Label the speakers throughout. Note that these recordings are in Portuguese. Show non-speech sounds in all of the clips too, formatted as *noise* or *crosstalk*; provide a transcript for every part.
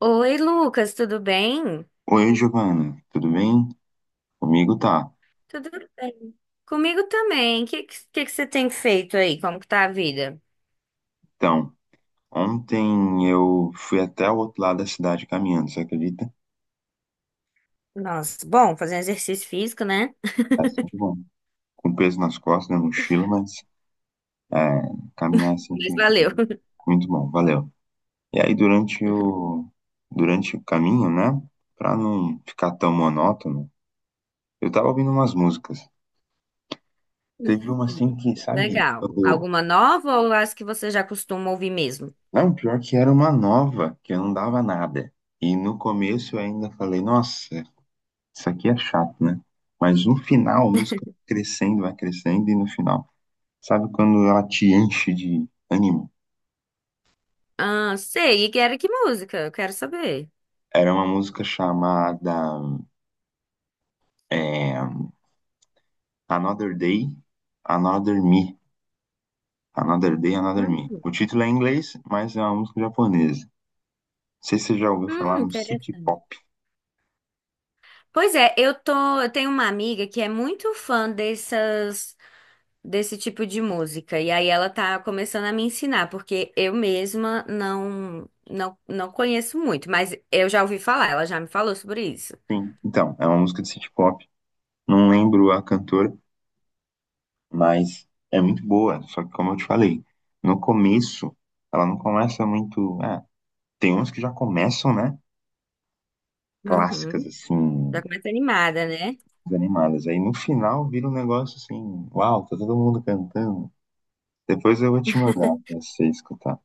Speaker 1: Oi, Lucas, tudo bem?
Speaker 2: Oi, Giovana, tudo bem? Comigo tá.
Speaker 1: Tudo bem. Comigo também. O que, que você tem feito aí? Como que tá a vida?
Speaker 2: Então, ontem eu fui até o outro lado da cidade caminhando, você acredita?
Speaker 1: Nossa, bom, fazendo exercício físico, né?
Speaker 2: Assim, bom, com peso nas costas, na mochila, mas é, caminhar é
Speaker 1: Mas
Speaker 2: sempre
Speaker 1: valeu.
Speaker 2: muito bom, valeu. E aí, durante o caminho, né, pra não ficar tão monótono, eu tava ouvindo umas músicas. Teve uma assim
Speaker 1: Hum,
Speaker 2: que,
Speaker 1: *laughs*
Speaker 2: sabe,
Speaker 1: Legal.
Speaker 2: eu,
Speaker 1: Alguma nova ou as que você já costuma ouvir mesmo?
Speaker 2: não, pior que era uma nova, que eu não dava nada. E no começo eu ainda falei, nossa, isso aqui é chato, né? Mas no final, a música vai crescendo, e no final, sabe quando ela te enche de ânimo?
Speaker 1: Ah, sei. E que era que música? Eu quero saber.
Speaker 2: Era uma música chamada é, Another Day, Another Me. Another Day, Another Me.
Speaker 1: Hum,
Speaker 2: O título é em inglês, mas é uma música japonesa. Não sei se você já ouviu falar no City
Speaker 1: Interessante.
Speaker 2: Pop.
Speaker 1: Pois é, eu tô, Eu tenho uma amiga que é muito fã dessas desse tipo de música. E aí ela tá começando a me ensinar, porque eu mesma não conheço muito, mas eu já ouvi falar, ela já me falou sobre isso.
Speaker 2: Sim. Então, é uma música de City Pop. Não lembro a cantora, mas é muito boa. Só que, como eu te falei, no começo, ela não começa muito. Tem uns que já começam, né? Clássicas,
Speaker 1: Uhum. Já
Speaker 2: assim,
Speaker 1: começa animada, né?
Speaker 2: animadas. Aí no final vira um negócio assim, uau, tá todo mundo cantando. Depois eu vou te mandar pra você escutar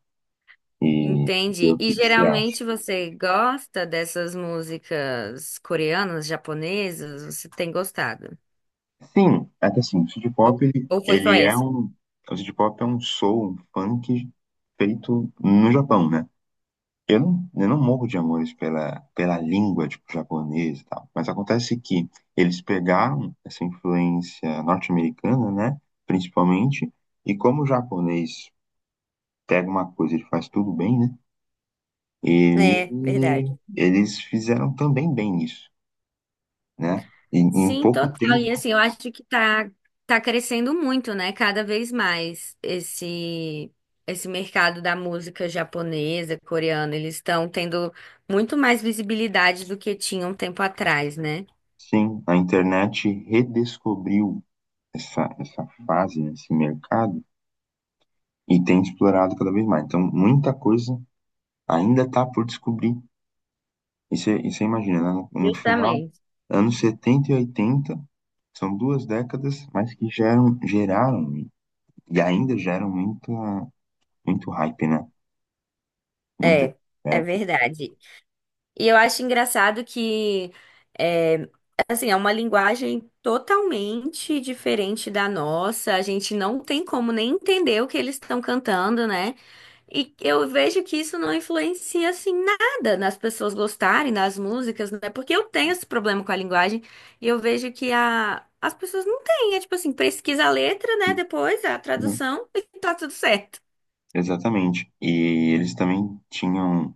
Speaker 2: e ver
Speaker 1: Entendi.
Speaker 2: o
Speaker 1: E
Speaker 2: que que você acha.
Speaker 1: geralmente você gosta dessas músicas coreanas, japonesas? Você tem gostado?
Speaker 2: Sim, é que assim, o City
Speaker 1: Ou,
Speaker 2: Pop, ele,
Speaker 1: ou foi só
Speaker 2: ele é
Speaker 1: essa?
Speaker 2: um. O City Pop é um soul, um funk feito no Japão, né? Eu não morro de amores pela língua, tipo, japonesa e tal. Mas acontece que eles pegaram essa influência norte-americana, né? Principalmente. E como o japonês pega uma coisa, e ele faz tudo bem, né? Ele,
Speaker 1: É, verdade.
Speaker 2: eles fizeram também bem isso, né? E, em
Speaker 1: Sim,
Speaker 2: pouco
Speaker 1: total. E
Speaker 2: tempo,
Speaker 1: assim, eu acho que tá, tá crescendo muito, né? Cada vez mais esse mercado da música japonesa, coreana, eles estão tendo muito mais visibilidade do que tinham um tempo atrás, né?
Speaker 2: sim, a internet redescobriu essa fase, né, esse mercado, e tem explorado cada vez mais. Então, muita coisa ainda está por descobrir. E você imagina, né? No final,
Speaker 1: Justamente.
Speaker 2: anos 70 e 80 são duas décadas, mas que geram, geraram e ainda geram muita, muito hype, né? Muita
Speaker 1: É, é
Speaker 2: conversa.
Speaker 1: verdade. E eu acho engraçado que, é, assim, é uma linguagem totalmente diferente da nossa. A gente não tem como nem entender o que eles estão cantando, né? E eu vejo que isso não influencia, assim, nada nas pessoas gostarem das músicas, né? Porque eu tenho esse problema com a linguagem e eu vejo que as pessoas não têm. É tipo assim, pesquisa a letra,
Speaker 2: E,
Speaker 1: né? Depois a
Speaker 2: né,
Speaker 1: tradução *laughs* e tá tudo certo.
Speaker 2: exatamente. E eles também tinham,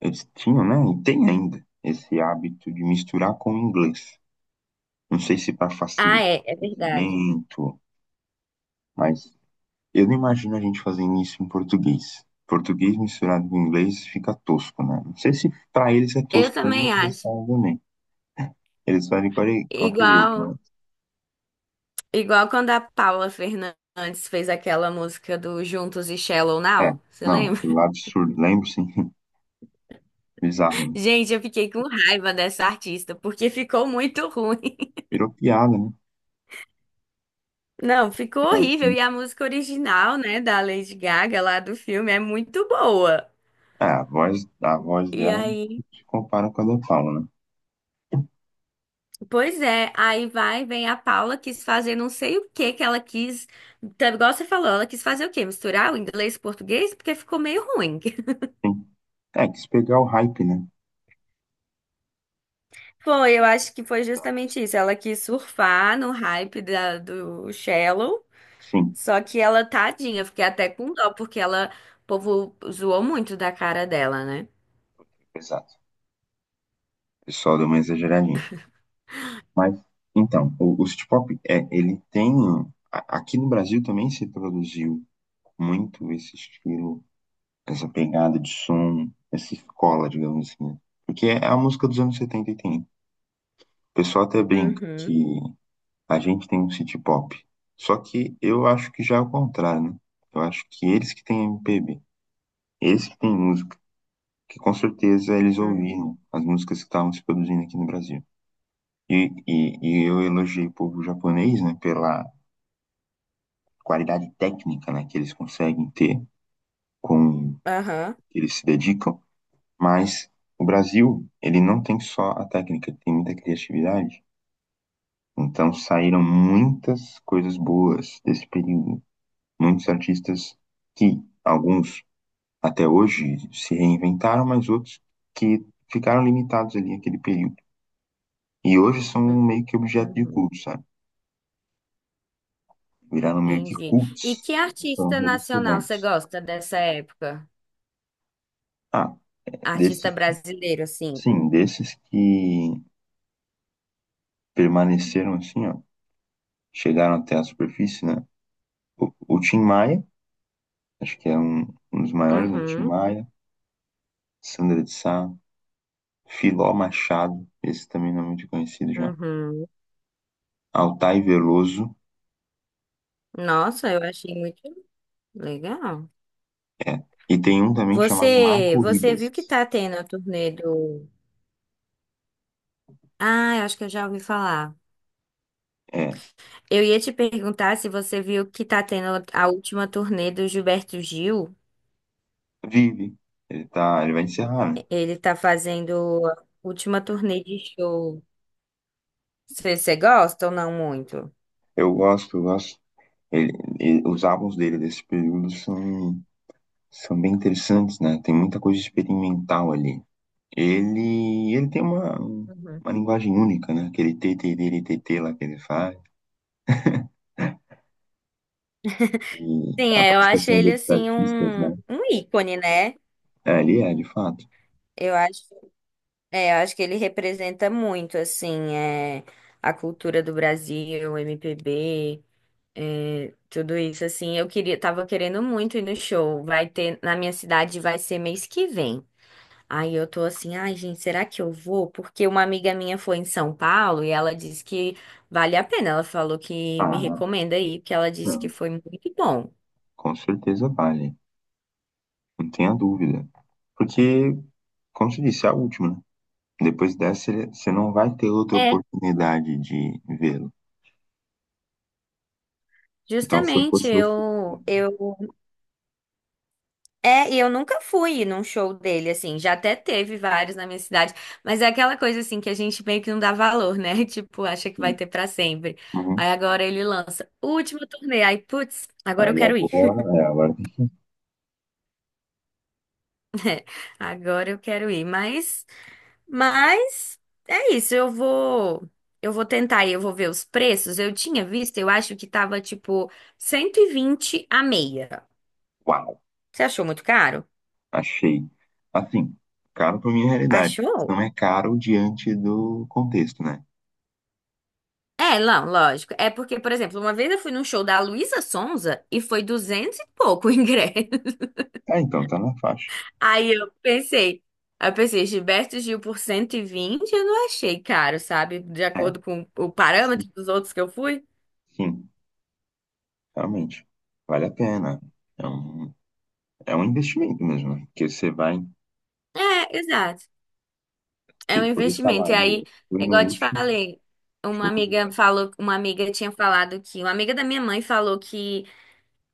Speaker 2: eles tinham, né? E tem ainda esse hábito de misturar com o inglês. Não sei se para
Speaker 1: Ah,
Speaker 2: facilitar
Speaker 1: é, é
Speaker 2: o
Speaker 1: verdade.
Speaker 2: entendimento, mas eu não imagino a gente fazendo isso em português. Português misturado com inglês fica tosco, né? Não sei se pra eles é
Speaker 1: Eu
Speaker 2: tosco também,
Speaker 1: também
Speaker 2: mas eles
Speaker 1: acho.
Speaker 2: falam também. Eles fazem de qualquer jeito, né?
Speaker 1: Igual. Igual quando a Paula Fernandes fez aquela música do Juntos e Shallow
Speaker 2: É,
Speaker 1: Now, você
Speaker 2: não,
Speaker 1: lembra?
Speaker 2: aquele lá absurdo. Lembro, sim. *laughs* Bizarro,
Speaker 1: *laughs*
Speaker 2: né?
Speaker 1: Gente, eu fiquei com raiva dessa artista, porque ficou muito ruim.
Speaker 2: Virou piada, né?
Speaker 1: *laughs* Não, ficou
Speaker 2: Piada,
Speaker 1: horrível.
Speaker 2: assim.
Speaker 1: E a música original, né, da Lady Gaga lá do filme é muito boa.
Speaker 2: É, a voz
Speaker 1: E
Speaker 2: dela
Speaker 1: aí,
Speaker 2: se compara com a da Paula, né?
Speaker 1: pois é, vem a Paula, quis fazer não sei o que que ela quis, tá, igual você falou, ela quis fazer o quê? Misturar o inglês e o português? Porque ficou meio ruim.
Speaker 2: Sim. É, quis pegar o hype, né?
Speaker 1: Foi, eu acho que foi justamente isso. Ela quis surfar no hype do Shallow,
Speaker 2: Sim,
Speaker 1: só que ela, tadinha, fiquei até com dó, porque o povo zoou muito da cara dela, né?
Speaker 2: exato. O pessoal deu uma exageradinha. Mas, então, o City Pop, ele tem um, aqui no Brasil também se produziu muito esse estilo, essa pegada de som, essa escola, digamos assim, né? Porque é a música dos anos 70 e tem. O pessoal até brinca
Speaker 1: Uhum,
Speaker 2: que a gente tem um City Pop. Só que eu acho que já é o contrário, né? Eu acho que eles que têm MPB, eles que têm música, que com certeza eles
Speaker 1: uhum,
Speaker 2: ouviram as músicas que estavam se produzindo aqui no Brasil. E eu elogiei o povo japonês, né, pela qualidade técnica, né, que eles conseguem ter com
Speaker 1: Aham,
Speaker 2: que eles se dedicam, mas o Brasil, ele não tem só a técnica, tem muita criatividade. Então saíram muitas coisas boas desse período. Muitos artistas que, alguns até hoje, se reinventaram, mas outros que ficaram limitados ali naquele período. E hoje são meio que objeto de
Speaker 1: uhum.
Speaker 2: culto, sabe? Viraram meio que
Speaker 1: Entendi. E
Speaker 2: cultos,
Speaker 1: que
Speaker 2: foram
Speaker 1: artista nacional você
Speaker 2: redescobertos.
Speaker 1: gosta dessa época?
Speaker 2: Ah,
Speaker 1: Artista
Speaker 2: desses,
Speaker 1: brasileiro, assim.
Speaker 2: sim, desses que permaneceram assim, ó, chegaram até a superfície, né? O Tim Maia, acho que é um, dos maiores, né? Tim
Speaker 1: Uhum,
Speaker 2: Maia, Sandra de Sá, Filó Machado, esse também não é muito conhecido já.
Speaker 1: uhum.
Speaker 2: Altai Veloso,
Speaker 1: Nossa, eu achei muito legal.
Speaker 2: é. E tem um também chamado Marco
Speaker 1: Você
Speaker 2: Ribas,
Speaker 1: viu que tá tendo a turnê do... Ah, eu acho que eu já ouvi falar.
Speaker 2: é.
Speaker 1: Eu ia te perguntar se você viu que tá tendo a última turnê do Gilberto Gil.
Speaker 2: Vive, ele vai encerrar, né?
Speaker 1: Ele tá fazendo a última turnê de show. Você gosta ou não muito?
Speaker 2: Eu gosto, eu gosto. Ele, os álbuns dele desse período são bem interessantes, né? Tem muita coisa experimental ali. Ele tem uma,
Speaker 1: Uhum.
Speaker 2: uma linguagem única, né? Aquele tê-tê-tê-tê-tê lá que ele faz. E
Speaker 1: Sim,
Speaker 2: a
Speaker 1: é, eu acho
Speaker 2: participação de
Speaker 1: ele
Speaker 2: outros
Speaker 1: assim
Speaker 2: artistas, né?
Speaker 1: um ícone, né?
Speaker 2: É, ele é, de fato.
Speaker 1: Eu acho, é, eu acho que ele representa muito assim, é, a cultura do Brasil, o MPB, é, tudo isso assim. Tava querendo muito ir no show. Vai ter na minha cidade, vai ser mês que vem. Aí eu tô assim, ai, gente, será que eu vou? Porque uma amiga minha foi em São Paulo e ela disse que vale a pena. Ela falou que me
Speaker 2: Ah,
Speaker 1: recomenda aí, porque ela disse que
Speaker 2: não,
Speaker 1: foi muito bom.
Speaker 2: com certeza vale. Não tenha dúvida. Porque, como se disse, é a última, né? Depois dessa, ele- você não vai ter outra
Speaker 1: É,
Speaker 2: oportunidade de vê-lo. Então, se eu
Speaker 1: justamente,
Speaker 2: fosse você...
Speaker 1: e eu nunca fui num show dele, assim, já até teve vários na minha cidade, mas é aquela coisa, assim, que a gente meio que não dá valor, né? *laughs* Tipo, acha que vai
Speaker 2: Sim.
Speaker 1: ter pra sempre. Aí
Speaker 2: Uhum.
Speaker 1: agora ele lança, última turnê, aí, putz, agora eu
Speaker 2: Aí
Speaker 1: quero ir.
Speaker 2: agora... É, agora tem...
Speaker 1: *laughs* Agora eu quero ir, mas. Mas é isso, eu vou tentar e eu vou ver os preços. Eu tinha visto, eu acho que tava tipo 120 a meia.
Speaker 2: Uau!
Speaker 1: Você achou muito caro?
Speaker 2: Achei. Assim, caro para minha realidade.
Speaker 1: Achou?
Speaker 2: Não é caro diante do contexto, né?
Speaker 1: É, não, lógico. É porque, por exemplo, uma vez eu fui num show da Luísa Sonza e foi 200 e pouco o ingresso.
Speaker 2: Ah, então tá na faixa.
Speaker 1: *laughs* Aí eu pensei, aí eu pensei, Gilberto Gil por 120 eu não achei caro, sabe? De
Speaker 2: É,
Speaker 1: acordo com o
Speaker 2: sim,
Speaker 1: parâmetro dos outros que eu fui.
Speaker 2: sim, realmente. Vale a pena. É um, é um investimento mesmo, né? Porque você vai
Speaker 1: É, exato. É um
Speaker 2: ter, poder falar,
Speaker 1: investimento. E
Speaker 2: olha,
Speaker 1: aí,
Speaker 2: fui
Speaker 1: é igual
Speaker 2: no
Speaker 1: eu te
Speaker 2: último
Speaker 1: falei,
Speaker 2: show de bola.
Speaker 1: uma amiga tinha falado que, uma amiga da minha mãe falou que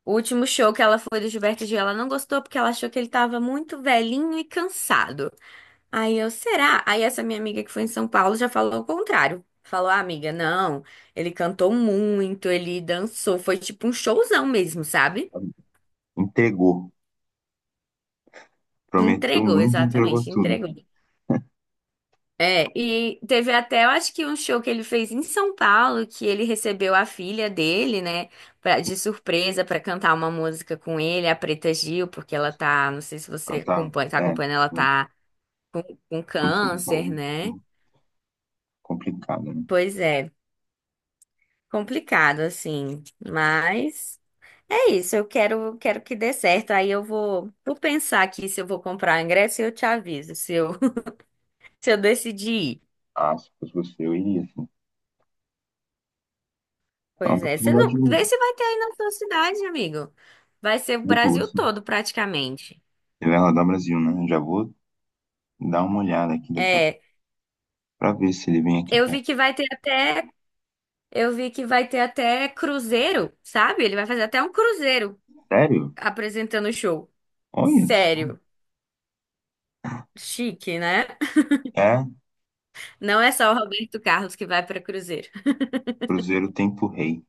Speaker 1: o último show que ela foi do Gilberto Gil, ela não gostou porque ela achou que ele tava muito velhinho e cansado. Aí eu, será? Aí essa minha amiga que foi em São Paulo já falou o contrário. Falou, ah, amiga, não, ele cantou muito, ele dançou, foi tipo um showzão mesmo, sabe?
Speaker 2: Entregou. Prometeu
Speaker 1: Entregou,
Speaker 2: muito, entregou
Speaker 1: exatamente,
Speaker 2: tudo.
Speaker 1: entregou. É, e teve até, eu acho que um show que ele fez em São Paulo, que ele recebeu a filha dele, né, pra, de surpresa pra cantar uma música com ele, a Preta Gil, porque ela tá, não sei se
Speaker 2: Ah,
Speaker 1: você
Speaker 2: tá.
Speaker 1: acompanha, tá
Speaker 2: É,
Speaker 1: acompanhando, ela
Speaker 2: mas
Speaker 1: tá com
Speaker 2: condição de
Speaker 1: câncer,
Speaker 2: saúde
Speaker 1: né?
Speaker 2: sim, complicada, né?
Speaker 1: Pois é, complicado assim, mas é isso, quero que dê certo. Aí eu vou, vou pensar aqui se eu vou comprar o ingresso e eu te aviso se eu, *laughs* se eu decidir ir.
Speaker 2: Ah, se fosse você, eu iria, assim. É uma
Speaker 1: Pois é, você não...
Speaker 2: oportunidade
Speaker 1: Vê
Speaker 2: única.
Speaker 1: se vai ter aí na sua cidade, amigo. Vai ser o Brasil
Speaker 2: Depois,
Speaker 1: todo, praticamente.
Speaker 2: você vai rodar o Brasil, né? Já vou. Dá uma olhada aqui daqui a pouco
Speaker 1: É,
Speaker 2: pra ver se ele vem aqui
Speaker 1: eu vi
Speaker 2: perto.
Speaker 1: que vai ter até, eu vi que vai ter até cruzeiro, sabe? Ele vai fazer até um cruzeiro
Speaker 2: Sério?
Speaker 1: apresentando o show.
Speaker 2: Olha isso.
Speaker 1: Sério, chique, né?
Speaker 2: É,
Speaker 1: Não é só o Roberto Carlos que vai para cruzeiro.
Speaker 2: Cruzeiro Tempo Rei.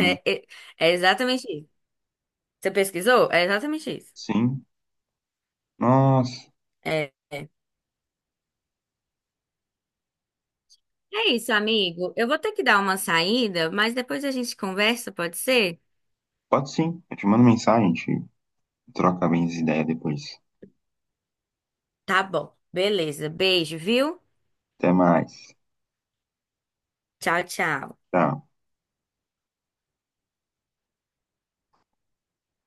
Speaker 1: É é é exatamente isso. Você pesquisou? É exatamente isso.
Speaker 2: Sim. Nossa.
Speaker 1: É. É isso, amigo. Eu vou ter que dar uma saída, mas depois a gente conversa, pode ser?
Speaker 2: Pode sim. Eu te mando mensagem, a gente troca bem as ideias depois.
Speaker 1: Tá bom. Beleza. Beijo, viu?
Speaker 2: Até mais.
Speaker 1: Tchau, tchau.
Speaker 2: Tchau.